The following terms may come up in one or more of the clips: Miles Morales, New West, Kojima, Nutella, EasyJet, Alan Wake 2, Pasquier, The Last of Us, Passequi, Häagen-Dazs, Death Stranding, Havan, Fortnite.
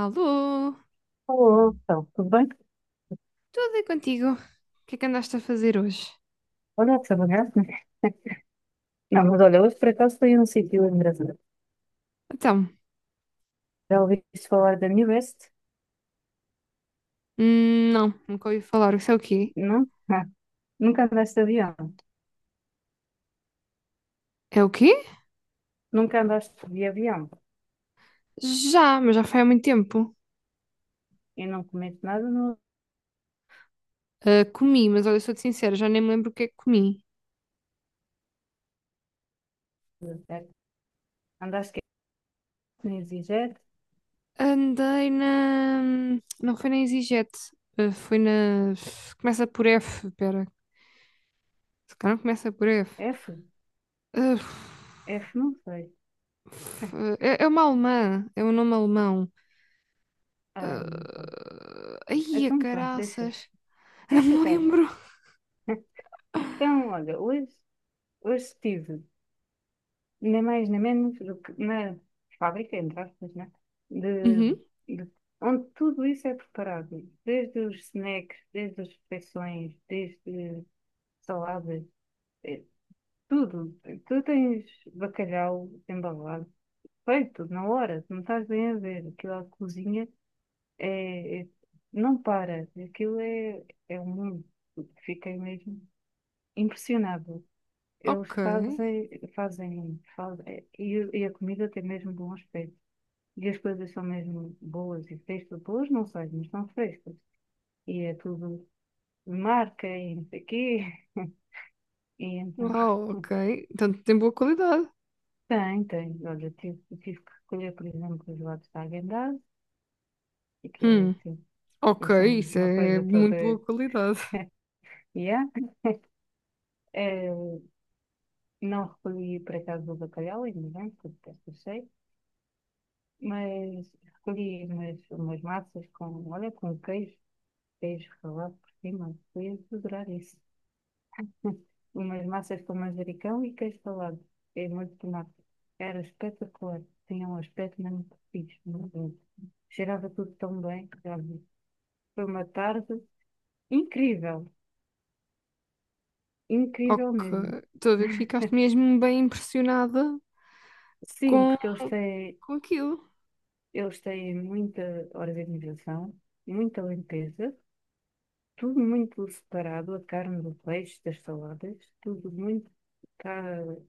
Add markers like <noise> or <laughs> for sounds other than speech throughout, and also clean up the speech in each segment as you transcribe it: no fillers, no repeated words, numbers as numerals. Alô, Olá, então, tudo bem? tudo é contigo? O que é que andaste a fazer hoje? Olha, que saudades. Não, mas olha, hoje por acaso fui a um sítio engraçado. Então, Já ouviste falar da New West? Não, nunca ouvi falar. Isso é o quê? Não? Ah, nunca andaste de avião. É o quê? Nunca andaste de avião. Já, mas já foi há muito tempo. E não comeste nada no Ah, comi, mas olha, sou-te sincera, já nem me lembro o que é que comi. avião, certo? Andaste que nem EasyJet? Andei na. Não foi na EasyJet, foi na. Começa por F, pera. Se calhar não começa por F. F? Ah, F, não sei. f- é, é uma alemã, é um nome alemão. Ai, não sei. Ah, ai, a Então pronto, deixa. caraças, <laughs> não Deixa me estar. lembro. Então, olha, hoje estive, nem mais nem menos do que na fábrica, entre aspas, né? De, Uhum. de- Onde tudo isso é preparado, desde os snacks, desde as refeições, desde saladas, eh, tudo. Tu tens bacalhau embalado, feito na hora, tu não estás bem a ver, aquilo à cozinha é, é- não para, aquilo é um mundo, fiquei mesmo impressionado. Eles Ok. fazem, e a comida tem mesmo bom aspecto. E as coisas são mesmo boas e frescas. Boas não sei, mas são frescas. E é tudo de marca e não sei o quê. <laughs> E então, Uau, ok. <laughs> Então tem boa qualidade. tem, tem. Olha, tive que escolher, por exemplo, os lados da Häagen-Dazs, e que é Hum, assim, ok, assim, isso uma é coisa toda. muito boa qualidade. Yeah. Eh, não recolhi, por acaso, o bacalhau, ainda bem, porque detesto o cheiro, mas recolhi umas massas com, olha, com queijo. Queijo ralado por cima, eu ia adorar isso. <laughs> Umas massas com manjericão e queijo ralado. E molho de tomate. Era espetacular. Tinha um aspecto mesmo fixe, muito bom. Cheirava tudo tão bem, sabe? Foi uma tarde incrível. Incrível Ok. mesmo. Estou a ver que <laughs> ficaste mesmo bem impressionada Sim, com, porque eles têm, com aquilo. eles têm muita organização, muita limpeza, tudo muito separado, a carne do peixe, das saladas, tudo muito. Tá,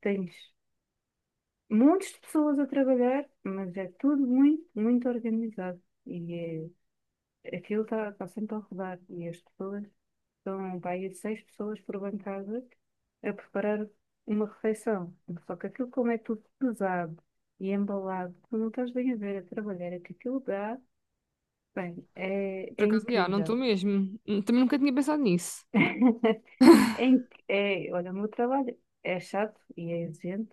tens montes de pessoas a trabalhar, mas é tudo muito, muito organizado. E é, aquilo está tá tá sempre a rodar. E as pessoas são, pá, aí seis pessoas por bancada a preparar uma refeição. Só que aquilo, como é tudo pesado e embalado, tu não estás bem a ver a trabalhar, é que aquilo dá, bem, é, Por é acaso, já, não estou incrível. mesmo. Também nunca tinha pensado nisso. <laughs> Olha, o meu trabalho é chato e é exigente,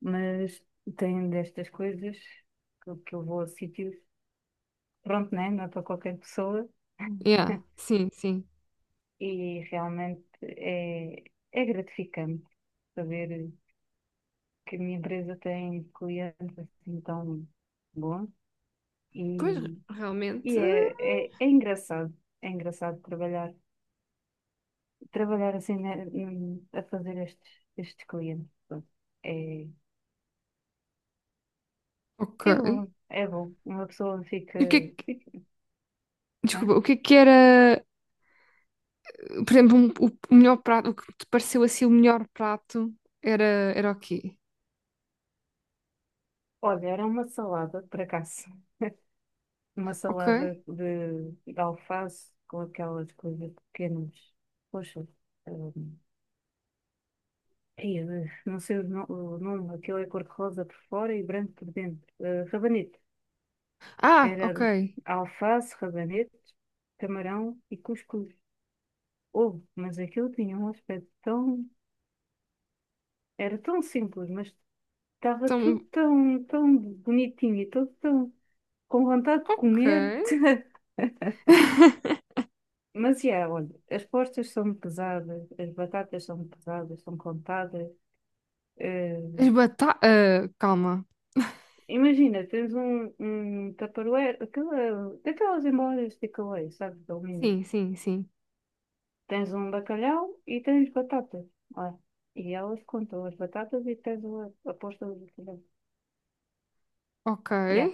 mas tem destas coisas que eu vou a sítios, pronto, né? Não é para qualquer pessoa. Yeah, <laughs> sim, sim. E realmente é gratificante saber que a minha empresa tem clientes assim tão bons Pois, e, e realmente. é, é, é engraçado, é engraçado trabalhar assim né, a fazer estes clientes. Pronto. É, Ok. é é bom. Uma pessoa fica, E o que é que, fica, né? desculpa, o que é que era, por exemplo, o melhor prato, o que te pareceu assim o melhor prato era, era o quê? Olha, era uma salada, por acaso. Uma Ok. salada de alface com aquelas coisas pequenas. Poxa, hum, ai, eh, não sei o, o nome, aquilo é cor-de-rosa por fora e branco por dentro. Eh, rabanete. Ah, ok. Era alface, rabanete, camarão e cuscuz. Oh, mas aquilo tinha um aspecto tão... Era tão simples, mas estava tudo Então, tão, tão bonitinho e tudo tão com vontade de ok. comer. <laughs> <laughs> Mas, yeah, olha, as postas são pesadas, as batatas são pesadas, são contadas. eh, As bata... ah, calma. Imagina, tens um tupperware, aquela, daquelas embalagens de takeaway, sabes, de alumínio. Sim, sim, sim. Tens um bacalhau e tens batatas. Olha, e elas contam as batatas e tens a posta do bacalhau. Ok. Yeah.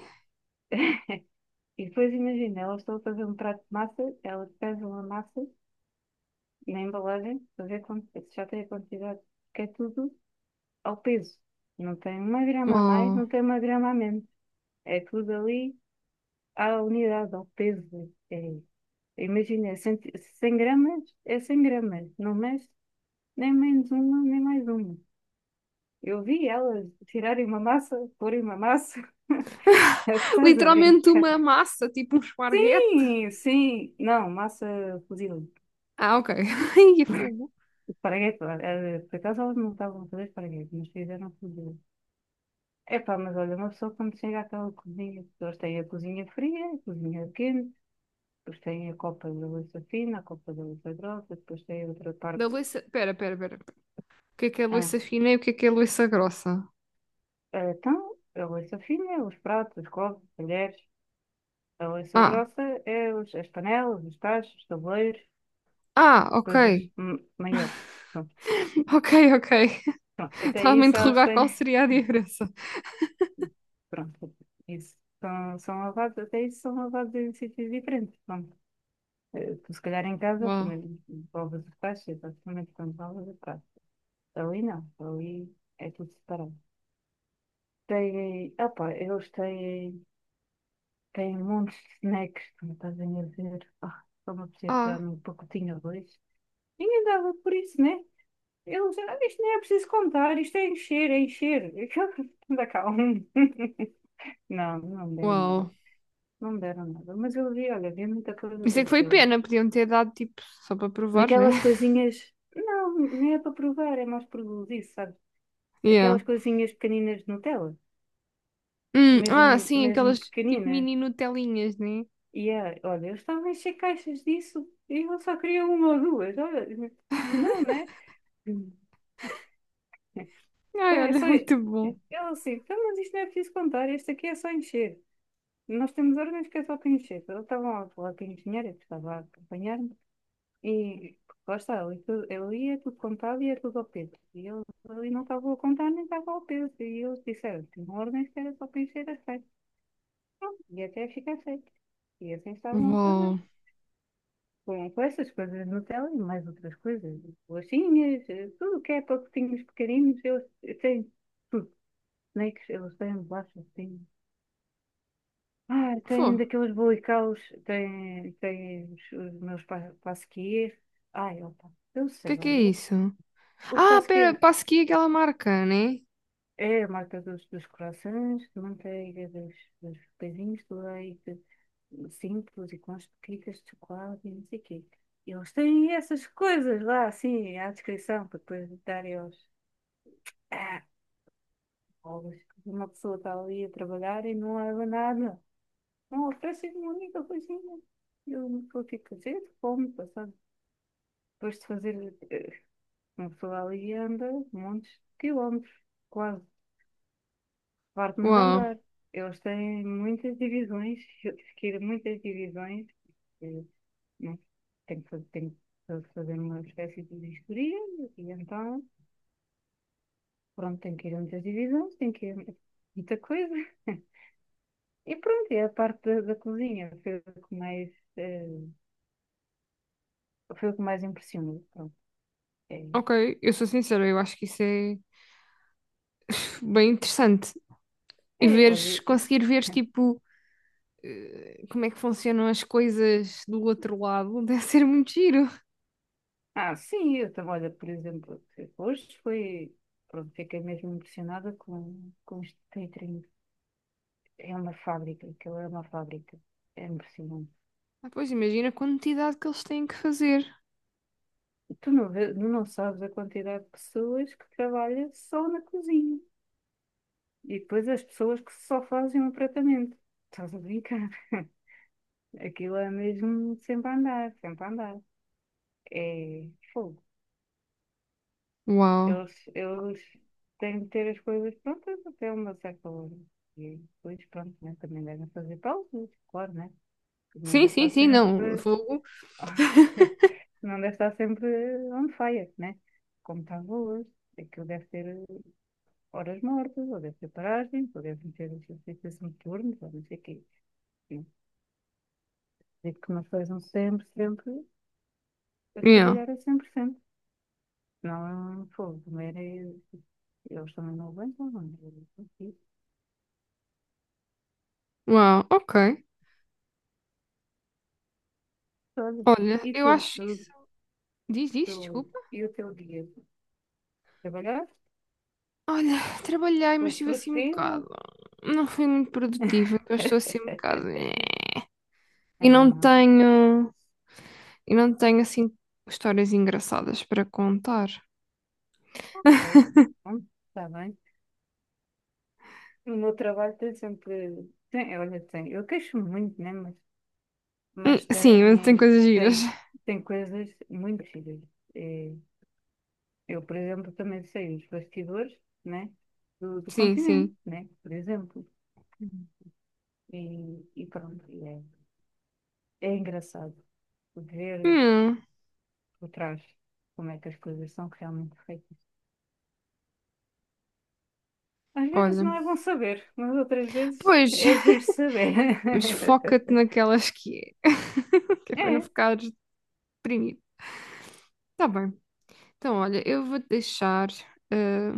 E depois imagina, elas estão a fazer um prato de massa, elas pesam a massa na embalagem para ver se já tem a quantidade, que é tudo ao peso. Não tem uma grama a mais, Uau. não tem uma grama a menos. É tudo ali à unidade, ao peso. É, imagina, 100, 100 gramas é 100 gramas. Não mexe nem menos uma, nem mais uma. Eu vi elas tirarem uma massa, porem uma massa. <laughs> Estás a Literalmente brincar? uma massa, tipo um esparguete. Sim, sim. Não, massa fuzil. Ah, ok. <laughs> Ai, é fogo. Esparguete, lá. Eh, por acaso elas não estavam a fazer esparguete, mas fizeram fuzil. Epá, mas olha, uma pessoa quando chega àquela cozinha, as pessoas têm a cozinha fria, a cozinha quente. Depois tem a copa da louça fina, a copa da louça grossa, depois tem outra parte. Da louça... pera, pera, pera. Pera. O que é Ah, louça fina e o que é louça grossa? Então, a louça fina é os pratos, os copos, os talheres. A louça Ah. grossa é os, as panelas, os tachos, os tabuleiros, Ah, as ok. coisas maiores. Pronto, <laughs> Ok, ok. <laughs> pronto. Até Estava-me a isso elas interrogar qual têm. seria a diferença. <laughs> Pronto, isso. São lavados, até isso são lavados em sítios diferentes. Pronto. Eh, tu, se calhar em casa, Uau. primeiro lavas os tachos, exatamente quando lavas o prato. Ali não, ali é tudo separado. Têm, opa, eles têm montes de snacks, como estás a me dizer. Ah, só me apetecia pegar Ah, num pacotinho ou dois. Ninguém dava por isso, né? Eles, ah, isto nem é preciso contar, isto é encher, é encher. <laughs> Anda cá, um. <laughs> Não, não me deram nada. uau. Não me deram nada. Mas eu vi, olha, vi muita coisa Isso é para que foi ser. pena. Podiam ter dado, tipo, só para provar, né? Daquelas <laughs> coisinhas, não, nem é para provar, é mais por isso, sabes? Yeah. Aquelas coisinhas pequeninas de Nutella, Ah, mesmo, sim, mesmo aquelas tipo pequeninas. mini Nutelinhas, né? E olha, eles estavam a encher caixas disso e eu só queria uma ou duas. Olha, não, <laughs> né? Hum. Então, Ai, é olha, só. Ele muito bom. assim, então, mas isto não é preciso contar, este aqui é só encher. Nós temos órgãos que é só para encher. Ele estava a falar com a engenheira, que estava a acompanhar-me, e lá está, ele, ele ia tudo contado e ia tudo ao peso. E eu ali não estava a contar nem estava ao peso. E eles disseram: tinham órgãos que era só para encher a festa, e até ficar feito. E assim estavam a fazer. Uau. Com essas coisas no Nutella e mais outras coisas, bolachinhas, tudo o que é pacotinhos pequeninos, eles têm tudo. Snakes, eles têm bolachas, têm. Ah, Fô, têm o daqueles bolicaus, têm os meus pasquiers. Ai, opa, eu sei que lá, é eu, isso? o Ah, pera, pasquier Passequi é aquela marca, né? é É a marca dos croissants, de manteiga, dos pãezinhos de leite, simples e com as pequitas de chocolate e não sei o quê. Eles têm essas coisas lá, assim, à descrição, para depois darem aos ah, pobres. Uma pessoa está ali a trabalhar e não leva nada. Não oferecem uma única coisinha. E uma pessoa fica cedo, fome, passando. Depois de fazer, eh, uma pessoa ali anda montes de quilómetros, quase, parte-me de Uau. andar. Eles têm muitas divisões, eu tive que ir a muitas divisões. eh, né? Tenho que fazer uma espécie de vistoria e então, pronto, tenho que ir a muitas divisões, tenho que ir a muita coisa. E pronto, e a parte da cozinha foi o que mais, eh, foi o que mais impressionou. Pronto, é, Ok, eu sou sincera, eu acho que isso é pff, bem interessante. E é, olha, veres, é- conseguir veres, tipo, como é que funcionam as coisas do outro lado, <laughs> deve ser muito giro. ah, sim, eu também, olha, por exemplo, hoje foi, pronto, fiquei mesmo impressionada com este catering. É uma fábrica, aquilo é uma fábrica. É impressionante. Ah, pois, imagina a quantidade que eles têm que fazer. Tu não, tu não sabes a quantidade de pessoas que trabalha só na cozinha. E depois as pessoas que só fazem o tratamento. Estás a brincar? <laughs> Aquilo é mesmo sempre a andar, sempre a andar. É fogo. Uau. Eles têm de ter as coisas prontas até uma certa hora. E depois, pronto, né? Também devem fazer pausas, claro, né? Porque não Sim, deve sim, estar sim, sempre. não. Fogo. <laughs> Não deve estar sempre on fire, né? Como estava hoje. Aquilo deve ter horas mortas, ou deve ter paragem, ou devem ter exercícios turnos, ou não sei o quê. Sim. Digo que não sejam sempre, sempre a Yeah. trabalhar a 100%. Não, é um fogo, comer é. Eles também não aguentam, não é? Uau, ok. Olha, E eu tu, acho isso. Diz isso, desculpa. e o teu dia? Trabalhaste? Olha, trabalhei, mas Foste estive assim um produtiva? bocado. Não fui muito produtiva, que eu estou assim um bocado. Eh. <laughs> E não Ah, tenho. E não tenho assim histórias engraçadas para contar. ok. Bom, está bem. O meu trabalho tem sempre. Tem, olha, tem. Eu queixo-me muito, né? Mas mas Sim, mas tem tem, coisas giras. tem, tem coisas muito giras. Eh, Eu, por exemplo, também sei os bastidores, né, do Sim, continente, sim. né, por exemplo. Uhum. E pronto, é é engraçado ver Hum, por trás como é que as coisas são realmente feitas. Às vezes olha. não é bom saber, mas outras vezes Pois, é giro saber. <laughs> mas foca-te naquelas que é. <laughs> Que é para não É, ficares deprimido. Tá bem. Então, olha, eu vou te deixar, eh,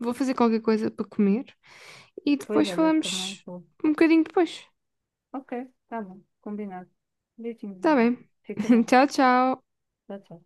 vou fazer qualquer coisa para comer e pois depois olha, também falamos vou. um bocadinho depois. Ok, tá bom, combinado. Beijinhos Tá então. bem? Fica <laughs> bem. Tchau, tchau. Tchau, tchau.